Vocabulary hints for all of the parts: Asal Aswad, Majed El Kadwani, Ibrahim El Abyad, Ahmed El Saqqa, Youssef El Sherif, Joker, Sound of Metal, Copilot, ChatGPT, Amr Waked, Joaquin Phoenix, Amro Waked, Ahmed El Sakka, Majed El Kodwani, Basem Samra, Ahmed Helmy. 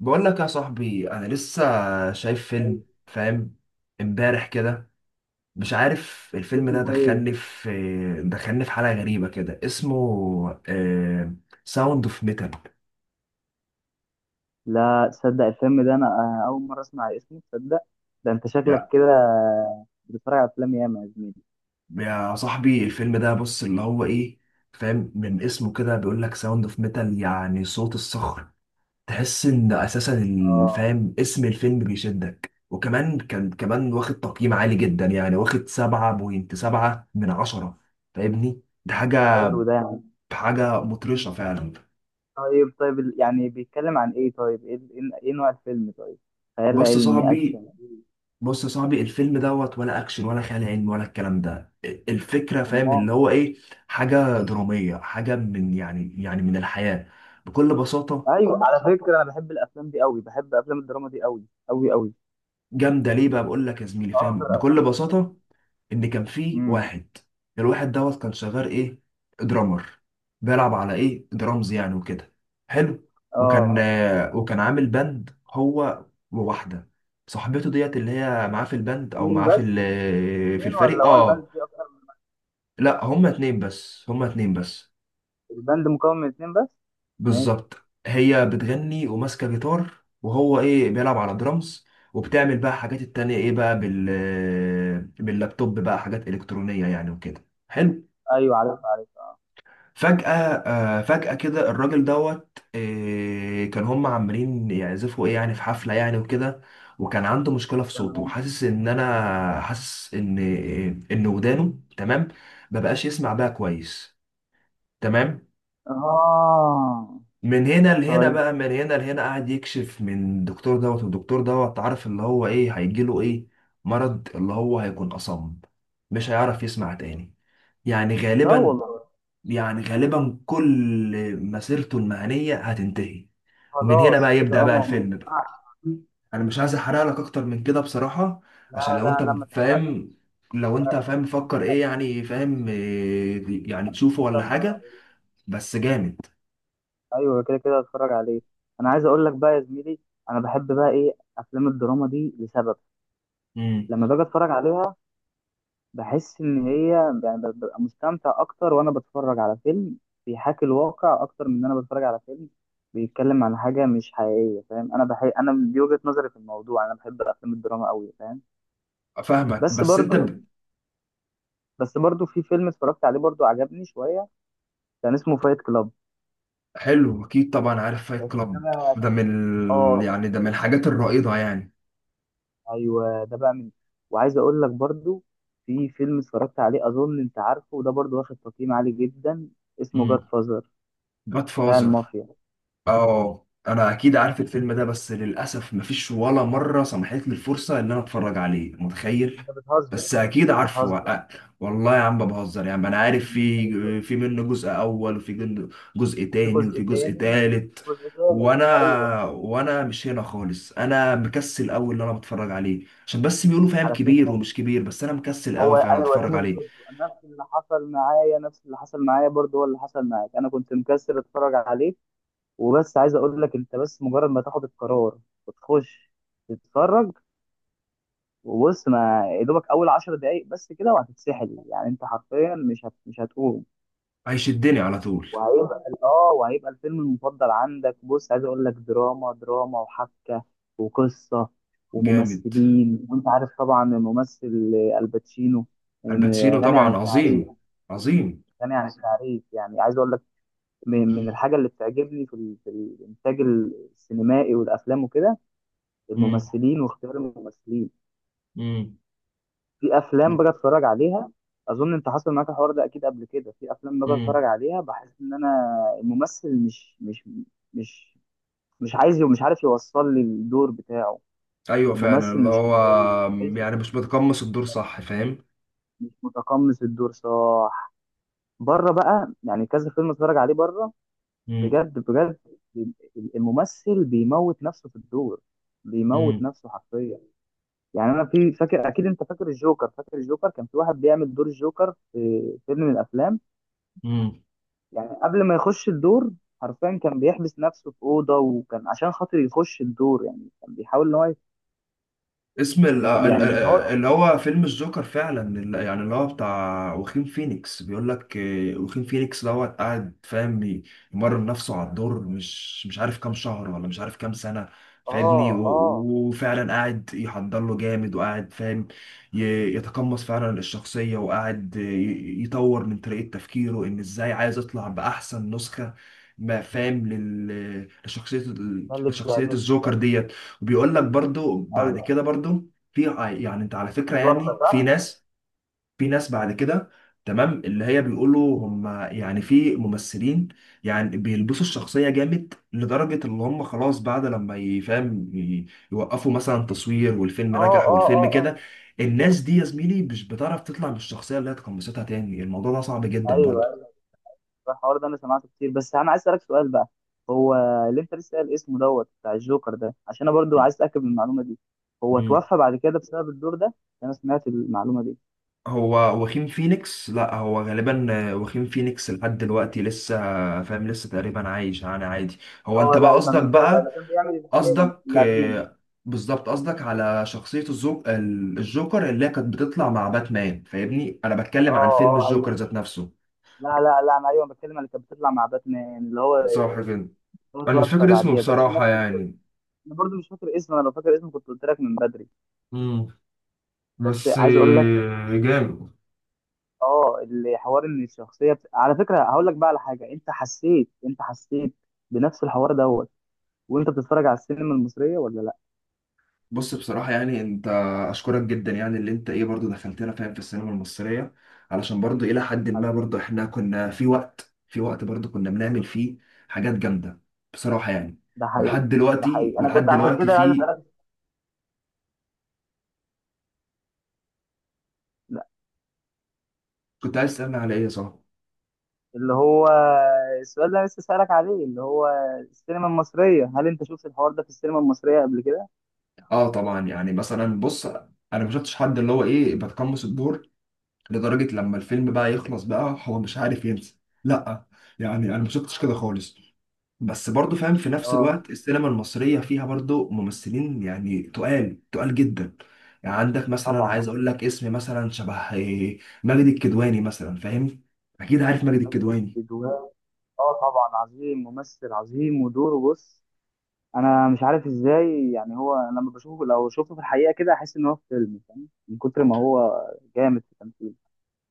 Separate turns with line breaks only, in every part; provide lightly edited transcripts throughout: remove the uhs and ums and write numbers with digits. بقول لك يا صاحبي، انا لسه شايف فيلم، فاهم؟ امبارح كده. مش عارف، الفيلم ده
اسمه
دخلني
ايه؟
في دخلني في حالة غريبة كده. اسمه ساوند اوف ميتال.
لا تصدق الفيلم ده انا اول مره اسمع اسمه. تصدق ده انت شكلك
يا
كده بتتفرج على افلام ياما يا زميلي.
يا صاحبي، الفيلم ده، بص، اللي هو ايه، فاهم؟ من اسمه كده بيقول لك ساوند اوف ميتال، يعني صوت الصخر. تحس ان اساسا
اه،
فاهم، اسم الفيلم بيشدك، وكمان كان كمان واخد تقييم عالي جدا، يعني واخد 7.7 من عشرة، فاهمني؟ ده حاجة،
حلو ده يعني.
حاجة مطرشة فعلا.
طيب طيب، يعني بيتكلم عن ايه؟ طيب ايه ايه نوع الفيلم؟ طيب، خيال
بص يا
علمي؟
صاحبي
اكشن؟
بص يا صاحبي، الفيلم دوت ولا اكشن ولا خيال علمي ولا الكلام ده، الفكرة فاهم اللي
امال.
هو ايه، حاجة درامية، حاجة من، يعني من الحياة بكل بساطة.
ايوه على فكره، انا بحب الافلام دي قوي، بحب افلام الدراما دي قوي قوي قوي،
جامدة، ليه بقى؟ بقول لك يا زميلي، فاهم،
اكتر افلام
بكل
بحبها.
بساطة ان كان في
امم.
واحد، الواحد دوت كان شغال ايه؟ درامر. بيلعب على ايه؟ درامز، يعني وكده حلو.
اه.
وكان عامل باند، هو وواحده صاحبته ديت، اللي هي معاه في الباند، او
اثنين
معاه في
بس؟
في
اثنين ولا
الفريق.
هو
اه،
البند فيه اكتر من؟
لا، هما اتنين بس، هما اتنين بس،
البند مكون من اثنين بس؟ ماشي.
بالظبط. هي بتغني وماسكه جيتار، وهو ايه، بيلعب على درامز. وبتعمل بقى حاجات التانية ايه بقى، باللابتوب بقى، حاجات الكترونيه يعني وكده حلو.
ايوه عارف عارف. اه.
فجأة، فجأة كده الراجل دوت، كان هم عمالين يعزفوا ايه يعني، في حفلة يعني وكده. وكان عنده مشكلة في صوته،
تمام.
حاسس ان انا حاسس ان ان ودانه. تمام، مبقاش يسمع بقى كويس. تمام.
اه.
من هنا لهنا
طيب.
بقى، من هنا لهنا، قاعد يكشف من الدكتور دوت، والدكتور دوت عارف اللي هو ايه هيجيله: ايه؟ مرض، اللي هو هيكون أصم، مش هيعرف يسمع تاني، يعني
لا
غالبا،
والله.
يعني غالبا كل مسيرته المهنية هتنتهي. ومن هنا
خلاص
بقى يبدأ
كده
بقى
انا.
الفيلم بقى. انا مش عايز احرق لك اكتر من كده بصراحة، عشان
لا
لو انت
لا لا، ما تحرقش.
فاهم، لو انت فاهم مفكر ايه يعني، فاهم إيه يعني، تشوفه
كده
ولا
اتفرج
حاجة.
عليه.
بس جامد.
ايوه كده كده اتفرج عليه. انا عايز اقول لك بقى يا زميلي، انا بحب بقى ايه افلام الدراما دي لسبب.
امم.
لما باجي اتفرج عليها بحس ان هي، يعني ببقى مستمتع اكتر وانا بتفرج على فيلم بيحاكي الواقع، اكتر من ان انا بتفرج على فيلم بيتكلم عن حاجه مش حقيقيه. فاهم، انا بحب انا دي وجهه نظري في الموضوع، انا بحب افلام الدراما قوي فاهم.
فاهمك،
بس
بس انت
برضو بس برضو في فيلم اتفرجت عليه برضو عجبني شويه، كان اسمه فايت كلاب.
حلو. اكيد طبعا عارف فايت
بس ده
كلاب. ده
بقى-
من
اه
يعني ده من الحاجات الرائدة يعني.
ايوه، ده بقى من. وعايز اقول لك برضو، في فيلم اتفرجت عليه اظن انت عارفه، وده برضو واخد تقييم عالي جدا، اسمه جاد
امم.
فازر،
جاد
بتاع
فازر.
المافيا.
اه، انا اكيد عارف الفيلم ده، بس للاسف مفيش ولا مره سمحت لي الفرصه ان انا اتفرج عليه، متخيل؟
انت بتهزر،
بس اكيد
انت
عارفه
بتهزر،
والله يا عم ما بهزر يا عم، انا عارف،
انت بتهزر.
في منه جزء اول، وفي جزء
وفي
تاني،
جزء
وفي جزء
تاني،
تالت.
جزء تالت، ايوه.
وانا مش هنا خالص، انا مكسل قوي اللي انا بتفرج عليه، عشان بس بيقولوا فاهم
على
كبير
فكره
ومش كبير، بس انا مكسل
هو
قوي فانا
ايوه، دي
اتفرج عليه.
مشكلته. نفس اللي حصل معايا، نفس اللي حصل معايا برضو هو اللي حصل معاك. انا كنت مكسر اتفرج عليه، وبس عايز اقول لك، انت بس مجرد ما تاخد القرار وتخش تتفرج وبص، ما يا دوبك اول 10 دقايق بس كده وهتتسحل. يعني انت حرفيا مش هتقوم.
هيشدني على طول.
وهيبقى الفيلم المفضل عندك. بص عايز اقول لك، دراما دراما وحبكه وقصه
جامد.
وممثلين، وانت عارف طبعا الممثل الباتشينو،
الباتشينو
غني عن
طبعا
التعريف،
عظيم. عظيم.
غني عن التعريف. يعني عايز اقول لك، من الحاجه اللي بتعجبني في في الانتاج السينمائي والافلام وكده، الممثلين واختيار الممثلين.
امم.
في افلام باجي اتفرج عليها، اظن انت حصل معاك الحوار ده اكيد قبل كده، في افلام باجي
امم.
اتفرج عليها بحس ان انا الممثل مش مش عايز ومش عارف يوصل لي الدور بتاعه.
ايوه فعلا،
الممثل
اللي
مش
هو
كويس،
يعني
تحسه
مش بتقمص الدور صح، فاهم؟
مش متقمص الدور صح. بره بقى، يعني كذا فيلم اتفرج عليه بره،
امم.
بجد بجد، الممثل بيموت نفسه في الدور، بيموت نفسه حرفيا. يعني انا في فاكر، اكيد انت فاكر الجوكر، فاكر الجوكر، كان في واحد بيعمل دور الجوكر في فيلم من الافلام.
امم.
يعني قبل ما يخش الدور، حرفيا كان بيحبس نفسه في اوضه، وكان عشان خاطر يخش الدور يعني كان بيحاول ان هو
اسم
يعني ان هو.
اللي هو فيلم الجوكر فعلا، يعني اللي هو بتاع واخين فينيكس، بيقول لك واخين فينيكس دوت قاعد فاهم يمرن نفسه على الدور، مش عارف كام شهر، ولا مش عارف كام سنة،
اه
فاهمني؟
اه.
وفعلا قاعد يحضر له جامد، وقاعد فاهم يتقمص فعلا الشخصية، وقاعد يطور من طريقة تفكيره، ان ازاي عايز يطلع بأحسن نسخة ما فاهم لشخصية،
ده اللي
لشخصية
بيعجبني
الجوكر
بقى.
ديت. بيقول لك برضو، بعد
ايوه.
كده برضو في، يعني انت على فكرة
اتوفى
يعني،
صح؟
في ناس بعد كده، تمام، اللي هي بيقولوا هم يعني، في ممثلين يعني بيلبسوا الشخصية جامد، لدرجة اللي هم خلاص بعد لما يفهم يوقفوا مثلا تصوير، والفيلم
اه
نجح
اه
والفيلم
اه اه.
كده، الناس دي يا زميلي مش بتعرف تطلع بالشخصية اللي هي اتقمصتها تاني، الموضوع ده صعب جدا.
ايوه الحوار ده انا سمعته كتير، بس انا عايز اسالك سؤال بقى. هو اللي انت لسه قايل اسمه دوت بتاع الجوكر ده، عشان انا برضو عايز اتاكد من المعلومه دي، هو
برضو
توفى بعد كده بسبب الدور ده؟ انا سمعت المعلومه دي.
هو واخيم فينيكس. لا، هو غالبا، واخيم فينيكس لحد دلوقتي لسه فاهم، لسه تقريبا عايش يعني، عادي. هو انت
اه
بقى
لا، يبقى
قصدك
مش ده بقى،
بقى،
ده كان بيعمل الثاني
قصدك
اللي قبليه.
آه، بالظبط، قصدك على شخصية الجوكر اللي هي كانت بتطلع مع باتمان، فاهمني؟ انا
اه
بتكلم عن فيلم
اه.
الجوكر
ايوه.
ذات نفسه.
لا لا لا، انا ايوه بتكلم اللي كانت بتطلع مع باتمان اللي هو،
صح كده.
هو
انا مش
توفى
فاكر اسمه
بعديها. ده كان
بصراحة
نفس القصة.
يعني.
انا برضو مش فاكر اسمه، انا لو فاكر اسمه كنت قلت لك من بدري.
امم.
بس
بس
عايز اقول لك،
جامد.
اه، اللي حوار ان على فكره هقول لك بقى على حاجه، انت حسيت بنفس الحوار دوت وانت بتتفرج على السينما المصريه ولا لا؟
بص، بصراحة يعني انت، اشكرك جدا، يعني اللي انت ايه برضو دخلتنا فاهم في السينما المصرية، علشان برضو الى حد ما
حبيبي.
برضو احنا كنا في وقت، في وقت برضو كنا بنعمل فيه حاجات جامدة بصراحة يعني.
ده حقيقي.
ولحد
ده
دلوقتي،
حقيقي، انا
ولحد
كنت عشان
دلوقتي
كده عايز
في،
اسالك. لا،
كنت عايز تسألني على ايه يا صاحبي؟
اللي هو السؤال اللي انا لسه اسالك عليه، اللي هو السينما المصريه، هل انت شفت الحوار ده في السينما المصريه قبل كده؟
اه، طبعا، يعني مثلا بص، انا ما شفتش حد اللي هو ايه بتقمص الدور لدرجة لما الفيلم بقى يخلص بقى هو مش عارف ينسى، لا، يعني انا ما شفتش كده خالص. بس برضو فاهم، في نفس
اه
الوقت السينما المصرية فيها برضو ممثلين يعني تقال، تقال جدا. يعني عندك مثلا،
طبعا.
عايز اقول لك اسم مثلا، شبه ماجد الكدواني مثلا، فاهم؟ اكيد عارف ماجد
ماجد
الكدواني.
الكدواني. اه طبعا، عظيم، ممثل عظيم ودوره بص، انا مش عارف ازاي. يعني هو، أنا لما بشوفه لو شفته في الحقيقه كده، احس ان هو في فيلم، فاهم؟ من كتر ما هو جامد في التمثيل.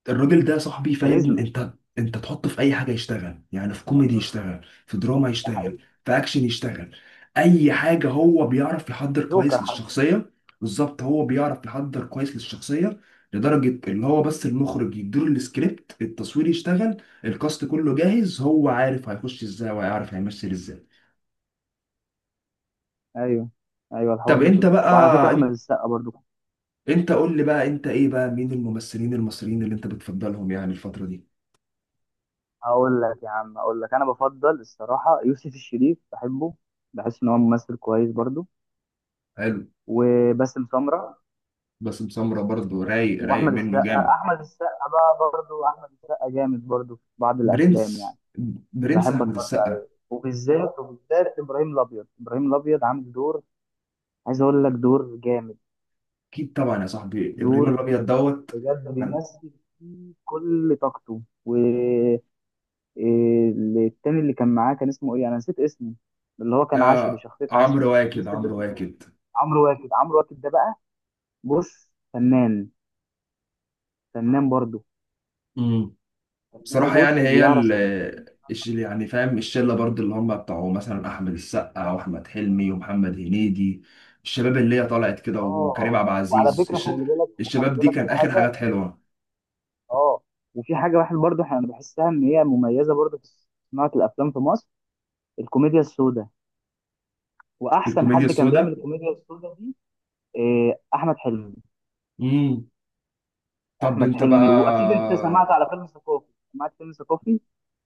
الراجل ده صاحبي، فاهم
كاريزما.
انت؟ انت تحطه في اي حاجه يشتغل، يعني في كوميدي يشتغل، في دراما
ده
يشتغل،
حقيقي.
في اكشن يشتغل، اي حاجه هو بيعرف يحضر كويس
جوكر حتى.
للشخصيه. بالظبط، هو بيعرف يحضر كويس للشخصيه، لدرجه اللي هو بس المخرج يديله السكريبت، التصوير يشتغل، الكاست كله جاهز، هو عارف هيخش ازاي، وهيعرف هيمثل ازاي.
ايوه ايوه، الحوار
طب
ده
انت
شوف، وعلى فكره
بقى
احمد
انت
السقا برضو.
انت قول لي بقى انت ايه بقى، مين الممثلين المصريين اللي انت بتفضلهم يعني الفتره دي؟
هقول لك يا عم، اقول لك انا بفضل الصراحه يوسف الشريف، بحبه، بحس ان هو ممثل كويس برضو.
حلو.
وباسم سمره.
باسم سمرة برضه، رايق، رايق
واحمد
منه
السقا،
جامد.
احمد السقا بقى برضو، احمد السقا جامد برضو في بعض الافلام
برنس.
يعني،
برنس
بحب
احمد
اتفرج
السقا.
عليه. وبالذات، ابراهيم الابيض، ابراهيم الابيض عامل دور، عايز اقول لك دور جامد،
اكيد طبعا يا صاحبي، ابراهيم
دور
الابيض دوت.
بجد بيمثل فيه كل طاقته. والتاني اللي كان معاه كان اسمه ايه؟ انا نسيت اسمه. اللي هو كان عشري،
يا
شخصية عشري،
عمرو واكد.
الممثل ده
عمرو
اسمه ايه؟
واكد.
عمرو واكد، عمرو واكد ده بقى بص، فنان، فنان برضه،
امم.
فنان،
بصراحه يعني
وبص
هي
بيعرف
يعني فاهم الشله برضه، اللي هم بتاعوا مثلا احمد السقا واحمد حلمي ومحمد هنيدي، الشباب اللي هي طلعت كده، وكريم
اه.
عبد
وعلى
العزيز
فكرة خلي بالك، وخلي
الشباب دي
بالك
كان
في
اخر
حاجة.
حاجات حلوه.
اه. وفي حاجة واحد برضه انا بحسها ان هي مميزة برضه في صناعة الافلام في مصر، الكوميديا السوداء. واحسن
بالكوميديا
حد كان بيعمل
السوداء.
الكوميديا السوداء دي إيه، احمد حلمي.
امم. طب
احمد
انت بقى؟
حلمي، واكيد انت سمعت على فيلم ثقافي، سمعت فيلم ثقافي.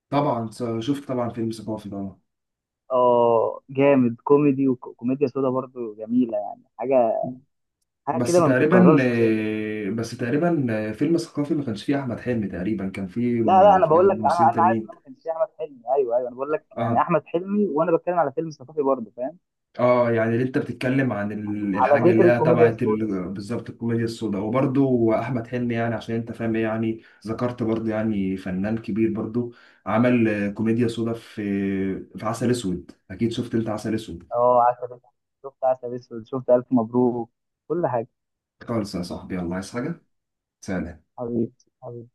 طبعا، شفت طبعا فيلم ثقافي طبعا.
اه جامد، كوميدي وكوميديا سودا برضو جميله، يعني حاجه حاجه كده ما بتتكررش تاني.
بس تقريبا فيلم ثقافي ما كانش فيه احمد حلمي تقريبا، كان فيه
لا لا، انا بقول لك، انا
ممثلين
انا عارف ان أنا ما
تانيين.
كانش فيه احمد حلمي، ايوه ايوه، انا بقول لك يعني
اه،
احمد حلمي، وانا بتكلم على فيلم ثقافي برضو فاهم.
اه، يعني اللي انت بتتكلم عن الحاجه
على
اللي
ذكر
هي
الكوميديا
تبعت
السودا.
بالظبط الكوميديا السوداء، وبرده احمد حلمي، يعني عشان انت فاهم إيه يعني. ذكرت برضه، يعني فنان كبير برضه، عمل كوميديا سوداء في عسل اسود. اكيد شفت انت عسل اسود.
اه عسل اسود، شفت عسل اسود، شفت الف مبروك، كل حاجه.
خالص يا صاحبي، الله عايز حاجه؟ سلام.
حبيبي. حبيبي.